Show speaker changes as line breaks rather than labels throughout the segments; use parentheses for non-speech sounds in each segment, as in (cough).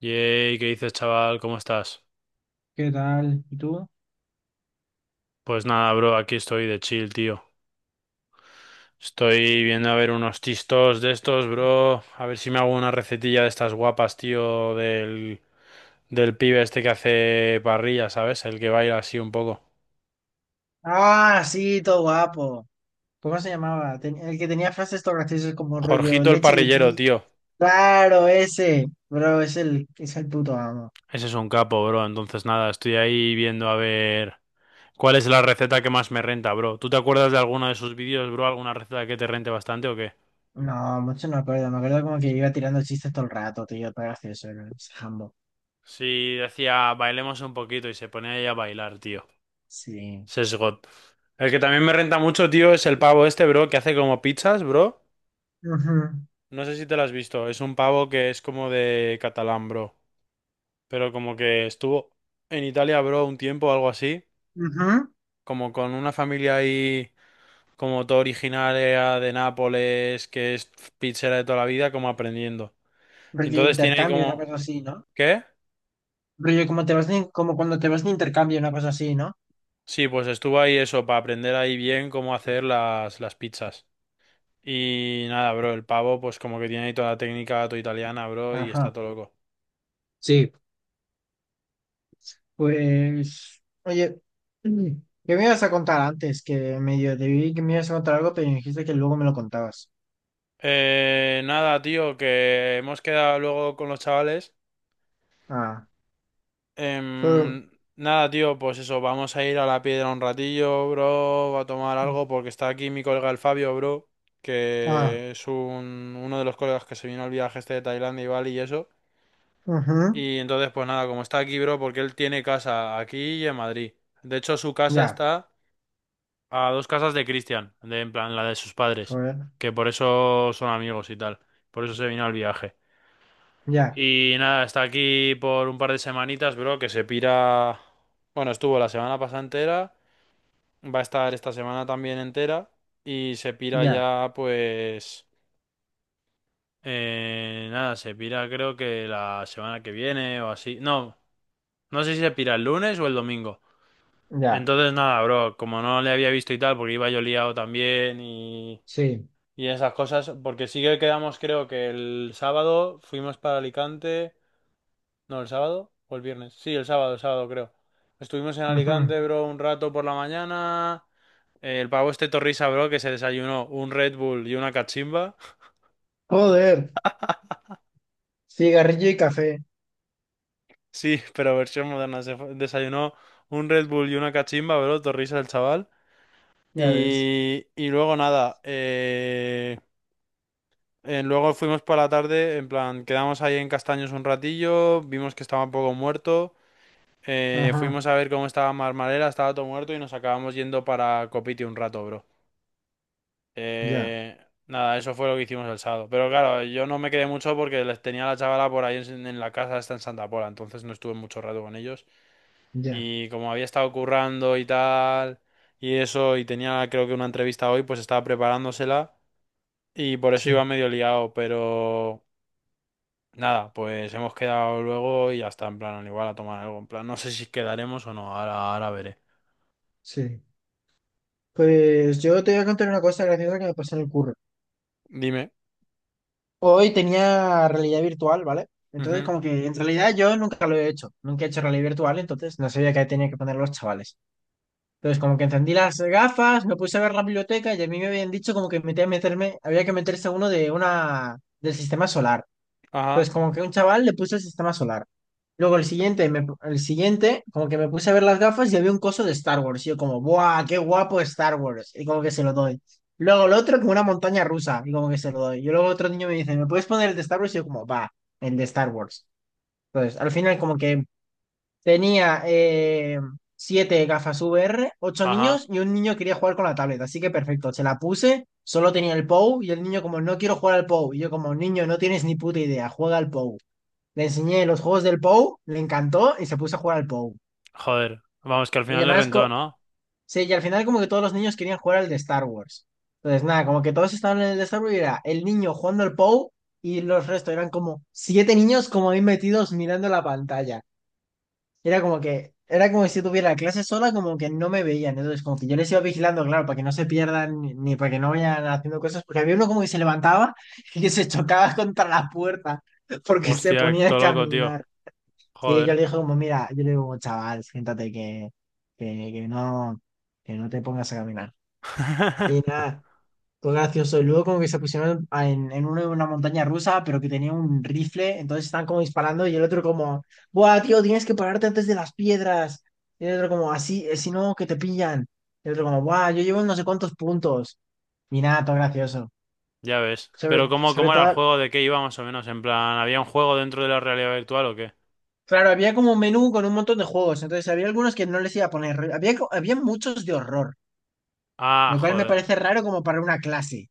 Yay, ¿qué dices, chaval? ¿Cómo estás?
¿Qué tal? ¿Y tú?
Pues nada, bro, aquí estoy de chill, tío. Estoy viendo a ver unos tistos de estos, bro. A ver si me hago una recetilla de estas guapas, tío, del pibe este que hace parrilla, ¿sabes? El que baila así un poco.
Ah, sí, todo guapo. ¿Cómo se llamaba? El que tenía frases todo graciosas como rollo
Jorgito el
leche de
parrillero,
ti.
tío.
Claro, ese. Bro, es el puto amo.
Ese es un capo, bro. Entonces nada, estoy ahí viendo a ver cuál es la receta que más me renta, bro. ¿Tú te acuerdas de alguno de sus vídeos, bro? ¿Alguna receta que te rente bastante o qué?
No, mucho no me acuerdo. Me acuerdo como que iba tirando chistes todo el rato, tío. Todo gracioso, era ese jambo.
Sí, decía, bailemos un poquito y se ponía ahí a bailar, tío.
Sí.
Sesgot. El que también me renta mucho, tío, es el pavo este, bro, que hace como pizzas, bro.
Ujú,
No sé si te lo has visto. Es un pavo que es como de catalán, bro. Pero como que estuvo en Italia, bro, un tiempo o algo así.
ujú.
Como con una familia ahí, como todo originaria de Nápoles, que es pizzera de toda la vida, como aprendiendo.
Rollo
Entonces tiene ahí
intercambio, una cosa
como...
así, ¿no?
¿Qué?
Rollo como te vas como cuando te vas de intercambio, una cosa así, ¿no?
Sí, pues estuvo ahí eso, para aprender ahí bien cómo hacer las pizzas. Y nada, bro, el pavo, pues como que tiene ahí toda la técnica todo italiana, bro, y está
Ajá.
todo loco.
Pues, oye, mm, ¿qué me ibas a contar antes? Que medio te vi que me ibas a contar algo, pero dijiste que luego me lo contabas.
Nada, tío, que hemos quedado luego con los chavales.
Ah, fue-
Em, Nada, tío, pues eso, vamos a ir a la piedra un ratillo, bro, a tomar algo, porque está aquí mi colega el Fabio, bro,
ah,
que es uno de los colegas que se vino al viaje este de Tailandia y Bali y eso.
ujú,
Y entonces, pues nada, como está aquí, bro, porque él tiene casa aquí y en Madrid. De hecho, su casa
ya,
está a dos casas de Cristian, de, en plan la de sus padres,
joder,
que por eso son amigos y tal, por eso se vino al viaje.
ya,
Y nada, está aquí por un par de semanitas, bro, que se pira... Bueno, estuvo la semana pasada entera, va a estar esta semana también entera y se pira
ya,
ya pues... nada, se pira creo que la semana que viene o así. No, no sé si se pira el lunes o el domingo.
ya,
Entonces nada, bro, como no le había visto y tal, porque iba yo liado también y
sí,
esas cosas, porque sí que quedamos, creo que el sábado fuimos para Alicante. No, el sábado o el viernes. Sí, el sábado creo. Estuvimos en
ujú.
Alicante, bro, un rato por la mañana. El pavo este Torrisa, bro, que se desayunó un Red Bull y una cachimba. (laughs)
Joder, cigarrillo y café,
Sí, pero versión moderna. Desayunó un Red Bull y una cachimba, bro, Torrisa el chaval.
ya ves,
Y luego nada, luego fuimos por la tarde, en plan, quedamos ahí en Castaños un ratillo, vimos que estaba un poco muerto.
ajá,
Fuimos a ver cómo estaba Marmarela, estaba todo muerto y nos acabamos yendo para Copiti un rato, bro.
ya,
Eh, Nada, eso fue lo que hicimos el sábado. Pero claro, yo no me quedé mucho porque les tenía a la chavala por ahí en la casa, está en Santa Pola, entonces no estuve mucho rato con ellos.
ya,
Y como había estado currando y tal, y eso, y tenía creo que una entrevista hoy, pues estaba preparándosela y por eso
sí,
iba medio liado, pero... Nada, pues hemos quedado luego y ya está, en plan, igual a tomar algo, en plan, no sé si quedaremos o no, ahora, ahora veré.
sí. Pues yo te voy a contar una cosa graciosa que me pasó en el curro.
Dime.
Hoy tenía realidad virtual, ¿vale? Entonces,
Ujú.
como que en realidad yo nunca lo he hecho, nunca he hecho realidad virtual, entonces no sabía qué tenía que poner los chavales. Entonces, como que encendí las gafas, me puse a ver la biblioteca y a mí me habían dicho como que metía a meterme, había que meterse uno de una del sistema solar.
Ajá.
Entonces, como que un chaval le puso el sistema solar. Luego el siguiente, el siguiente, como que me puse a ver las gafas y había un coso de Star Wars. Y yo como, ¡buah, qué guapo Star Wars! Y como que se lo doy. Luego el otro como una montaña rusa y como que se lo doy. Y luego otro niño me dice, ¿me puedes poner el de Star Wars? Y yo como, va, el de Star Wars. Entonces, al final como que tenía siete gafas VR, ocho niños
Ajá.
y un niño quería jugar con la tablet. Así que perfecto, se la puse, solo tenía el POU y el niño como, no quiero jugar al POU. Y yo como, niño, no tienes ni puta idea, juega al POU. Le enseñé los juegos del Pou, le encantó y se puso a jugar al Pou.
Joder. Vamos, que al
Y
final le
además,
rentó, ¿no?
sí, y al final como que todos los niños querían jugar al de Star Wars. Entonces, nada, como que todos estaban en el de Star Wars y era el niño jugando al Pou y los restos eran como siete niños como ahí metidos mirando la pantalla. Era como que, era como si tuviera clase sola, como que no me veían. Entonces, como que yo les iba vigilando, claro, para que no se pierdan ni para que no vayan haciendo cosas, porque había uno como que se levantaba (laughs) y que se chocaba contra la puerta porque se
Hostia,
ponía a
todo loco, tío.
caminar. Sí, yo
Joder.
le dije como, mira, yo le digo como, chaval, siéntate que, que no, que no te pongas a caminar. Y
(laughs)
nada, fue gracioso. Y luego como que se pusieron en, en una montaña rusa, pero que tenía un rifle, entonces están como disparando y el otro como, buah, tío, tienes que pararte antes de las piedras. Y el otro como, así, si no, que te pillan. Y el otro como, buah, yo llevo no sé cuántos puntos. Y nada, todo gracioso.
Ya ves.
Sobre,
Pero ¿cómo,
sobre
cómo era el
todo,
juego? ¿De qué iba más o menos? En plan, ¿había un juego dentro de la realidad virtual o qué?
claro, había como un menú con un montón de juegos, entonces había algunos que no les iba a poner, había muchos de horror.
Ah,
Lo cual me
joder.
parece raro como para una clase.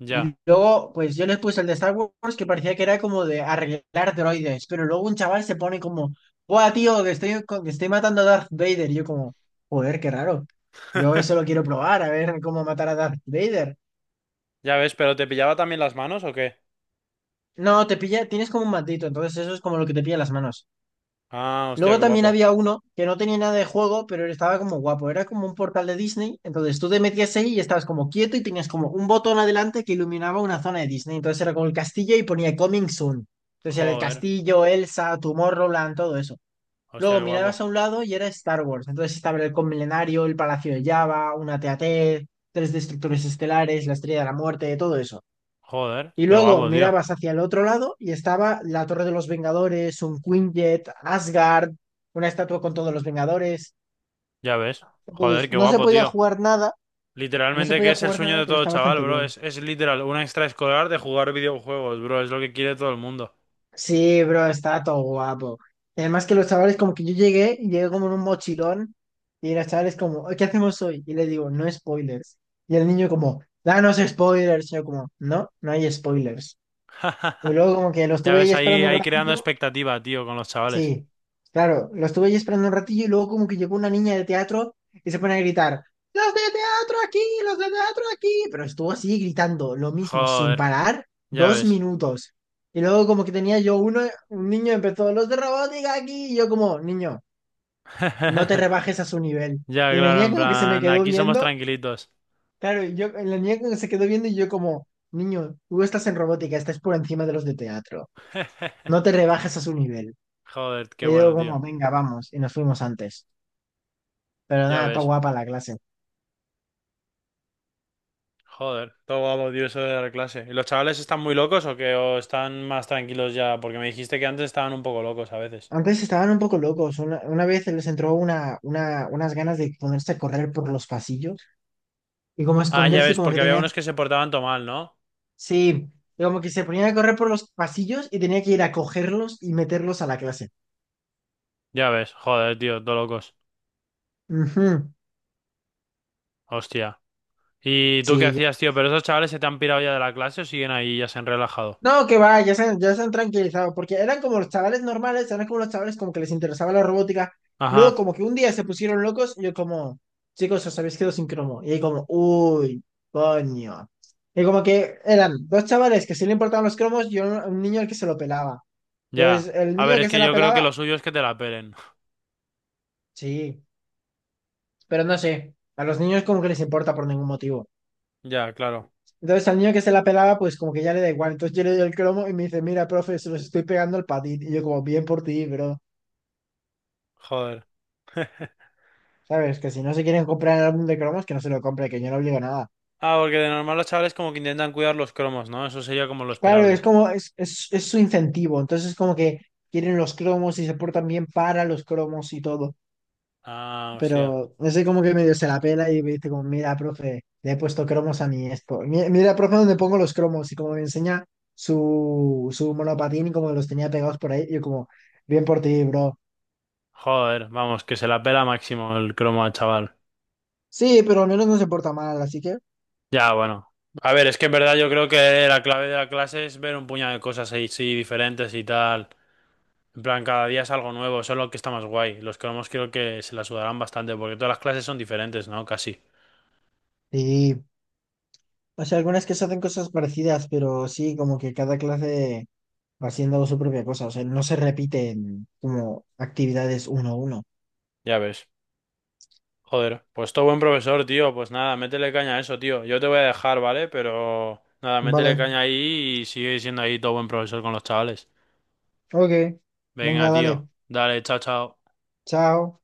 Ya.
Y luego, pues yo les puse el de Star Wars que parecía que era como de arreglar droides, pero luego un chaval se pone como, ¡buah, tío, que estoy, que estoy matando a Darth Vader! Y yo como, joder, qué raro. Yo eso lo
(laughs)
quiero probar, a ver cómo matar a Darth Vader.
Ya ves, pero ¿te pillaba también las manos o qué?
No, te pilla, tienes como un matito, entonces eso es como lo que te pilla en las manos.
Ah, hostia,
Luego
qué
también
guapo.
había uno que no tenía nada de juego, pero estaba como guapo. Era como un portal de Disney. Entonces tú te metías ahí y estabas como quieto y tenías como un botón adelante que iluminaba una zona de Disney. Entonces era como el castillo y ponía Coming Soon. Entonces era el
Joder.
castillo, Elsa, Tomorrowland, todo eso.
Hostia,
Luego
qué guapo.
mirabas a un lado y era Star Wars. Entonces estaba el Milenario, el Palacio de Java, una TAT, tres destructores estelares, la Estrella de la Muerte, todo eso.
Joder,
Y
qué
luego
guapo, tío.
mirabas hacia el otro lado y estaba la Torre de los Vengadores, un Quinjet, Asgard, una estatua con todos los Vengadores.
Ya ves. Joder,
Entonces,
qué
no se
guapo,
podía
tío.
jugar nada, no se
Literalmente que
podía
es el
jugar
sueño
nada,
de
pero
todo
está
chaval,
bastante
bro.
bien.
Es literal un extraescolar de jugar videojuegos, bro. Es lo que quiere todo el mundo.
Sí, bro, está todo guapo. Y además que los chavales, como que yo llegué, y llegué como en un mochilón, y los chavales como, ¿qué hacemos hoy? Y le digo, no spoilers. Y el niño como, danos spoilers. Y yo como, no, no hay spoilers. Y
(laughs)
luego como que lo
Ya
estuve ahí
ves, ahí,
esperando un
ahí creando
ratillo.
expectativa, tío, con los chavales.
Sí, claro, lo estuve ahí esperando un ratillo y luego como que llegó una niña de teatro y se pone a gritar, ¡los de teatro aquí! ¡Los de teatro aquí! Pero estuvo así gritando lo mismo, sin
Joder,
parar,
ya
dos
ves.
minutos. Y luego como que tenía yo uno, un niño empezó, ¡los de robótica aquí! Y yo como, niño, no te
(laughs)
rebajes a su nivel.
Ya,
Y la
claro,
niña
en
como que se me
plan,
quedó
aquí somos
viendo,
tranquilitos.
claro, y yo, la niña como que se quedó viendo y yo como, niño, tú estás en robótica, estás por encima de los de teatro. No
(laughs)
te rebajes a su nivel.
Joder, qué
Y yo
bueno, tío.
como, venga, vamos. Y nos fuimos antes. Pero
Ya
nada, está
ves.
guapa la clase.
Joder, todo guapo, tío, eso de dar clase. ¿Y los chavales están muy locos o qué? ¿O están más tranquilos ya? Porque me dijiste que antes estaban un poco locos a veces.
Antes estaban un poco locos. Una vez les entró unas ganas de ponerse a correr por los pasillos y como
Ah, ya
esconderse y
ves,
como que
porque había
tenía...
unos que se portaban todo mal, ¿no?
Sí, y como que se ponían a correr por los pasillos y tenía que ir a cogerlos y meterlos a la clase.
Ya ves, joder, tío, todo locos.
Ujú.
Hostia. ¿Y tú qué
Sí,
hacías, tío? ¿Pero esos chavales se te han pirado ya de la clase o siguen ahí y ya se han relajado?
no, que va, ya se han tranquilizado, porque eran como los chavales normales, eran como los chavales como que les interesaba la robótica. Luego
Ajá,
como que un día se pusieron locos y yo como, chicos, os habéis quedado sin cromo. Y ahí como, uy, coño. Y como que eran dos chavales que sí le importaban los cromos y un niño al que se lo pelaba.
ya.
Entonces, el
A ver,
niño
es
que se
que
la
yo creo que
pelaba,
lo suyo es que te la pelen. (laughs)
sí, pero no sé, a los niños como que les importa por ningún motivo.
Ya, claro.
Entonces al niño que se la pelaba, pues como que ya le da igual. Entonces yo le doy el cromo y me dice, mira, profe, se los estoy pegando al patín. Y yo como, bien por ti, bro.
Joder. (laughs)
¿Sabes? Que si no se quieren comprar el álbum de cromos, que no se lo compre, que yo no obligo a nada.
Ah, porque de normal los chavales como que intentan cuidar los cromos, ¿no? Eso sería como lo
Claro, es
esperable.
como, es su incentivo. Entonces, como que quieren los cromos y se portan bien para los cromos y todo.
Ah, hostia.
Pero ese como que medio se la pela y me dice como, mira, profe, le he puesto cromos a mi esto. Mira, profe, dónde pongo los cromos y como me enseña su monopatín y como los tenía pegados por ahí. Yo como, bien por ti, bro.
Joder, vamos, que se la pela máximo el cromo al chaval.
Sí, pero al menos no se porta mal, así que...
Ya, bueno. A ver, es que en verdad yo creo que la clave de la clase es ver un puñado de cosas ahí, sí, diferentes y tal. En plan, cada día es algo nuevo, eso es lo que está más guay. Los cromos creo que se la sudarán bastante porque todas las clases son diferentes, ¿no? Casi.
Sí. O sea, algunas que se hacen cosas parecidas, pero sí, como que cada clase... va haciendo su propia cosa, o sea, no se repiten como actividades uno a uno.
Ya ves. Joder, pues todo buen profesor, tío. Pues nada, métele caña a eso, tío. Yo te voy a dejar, ¿vale? Pero nada, métele
Vale,
caña ahí y sigue siendo ahí todo buen profesor con los chavales.
ok,
Venga,
venga,
tío.
dale,
Dale, chao, chao.
chao.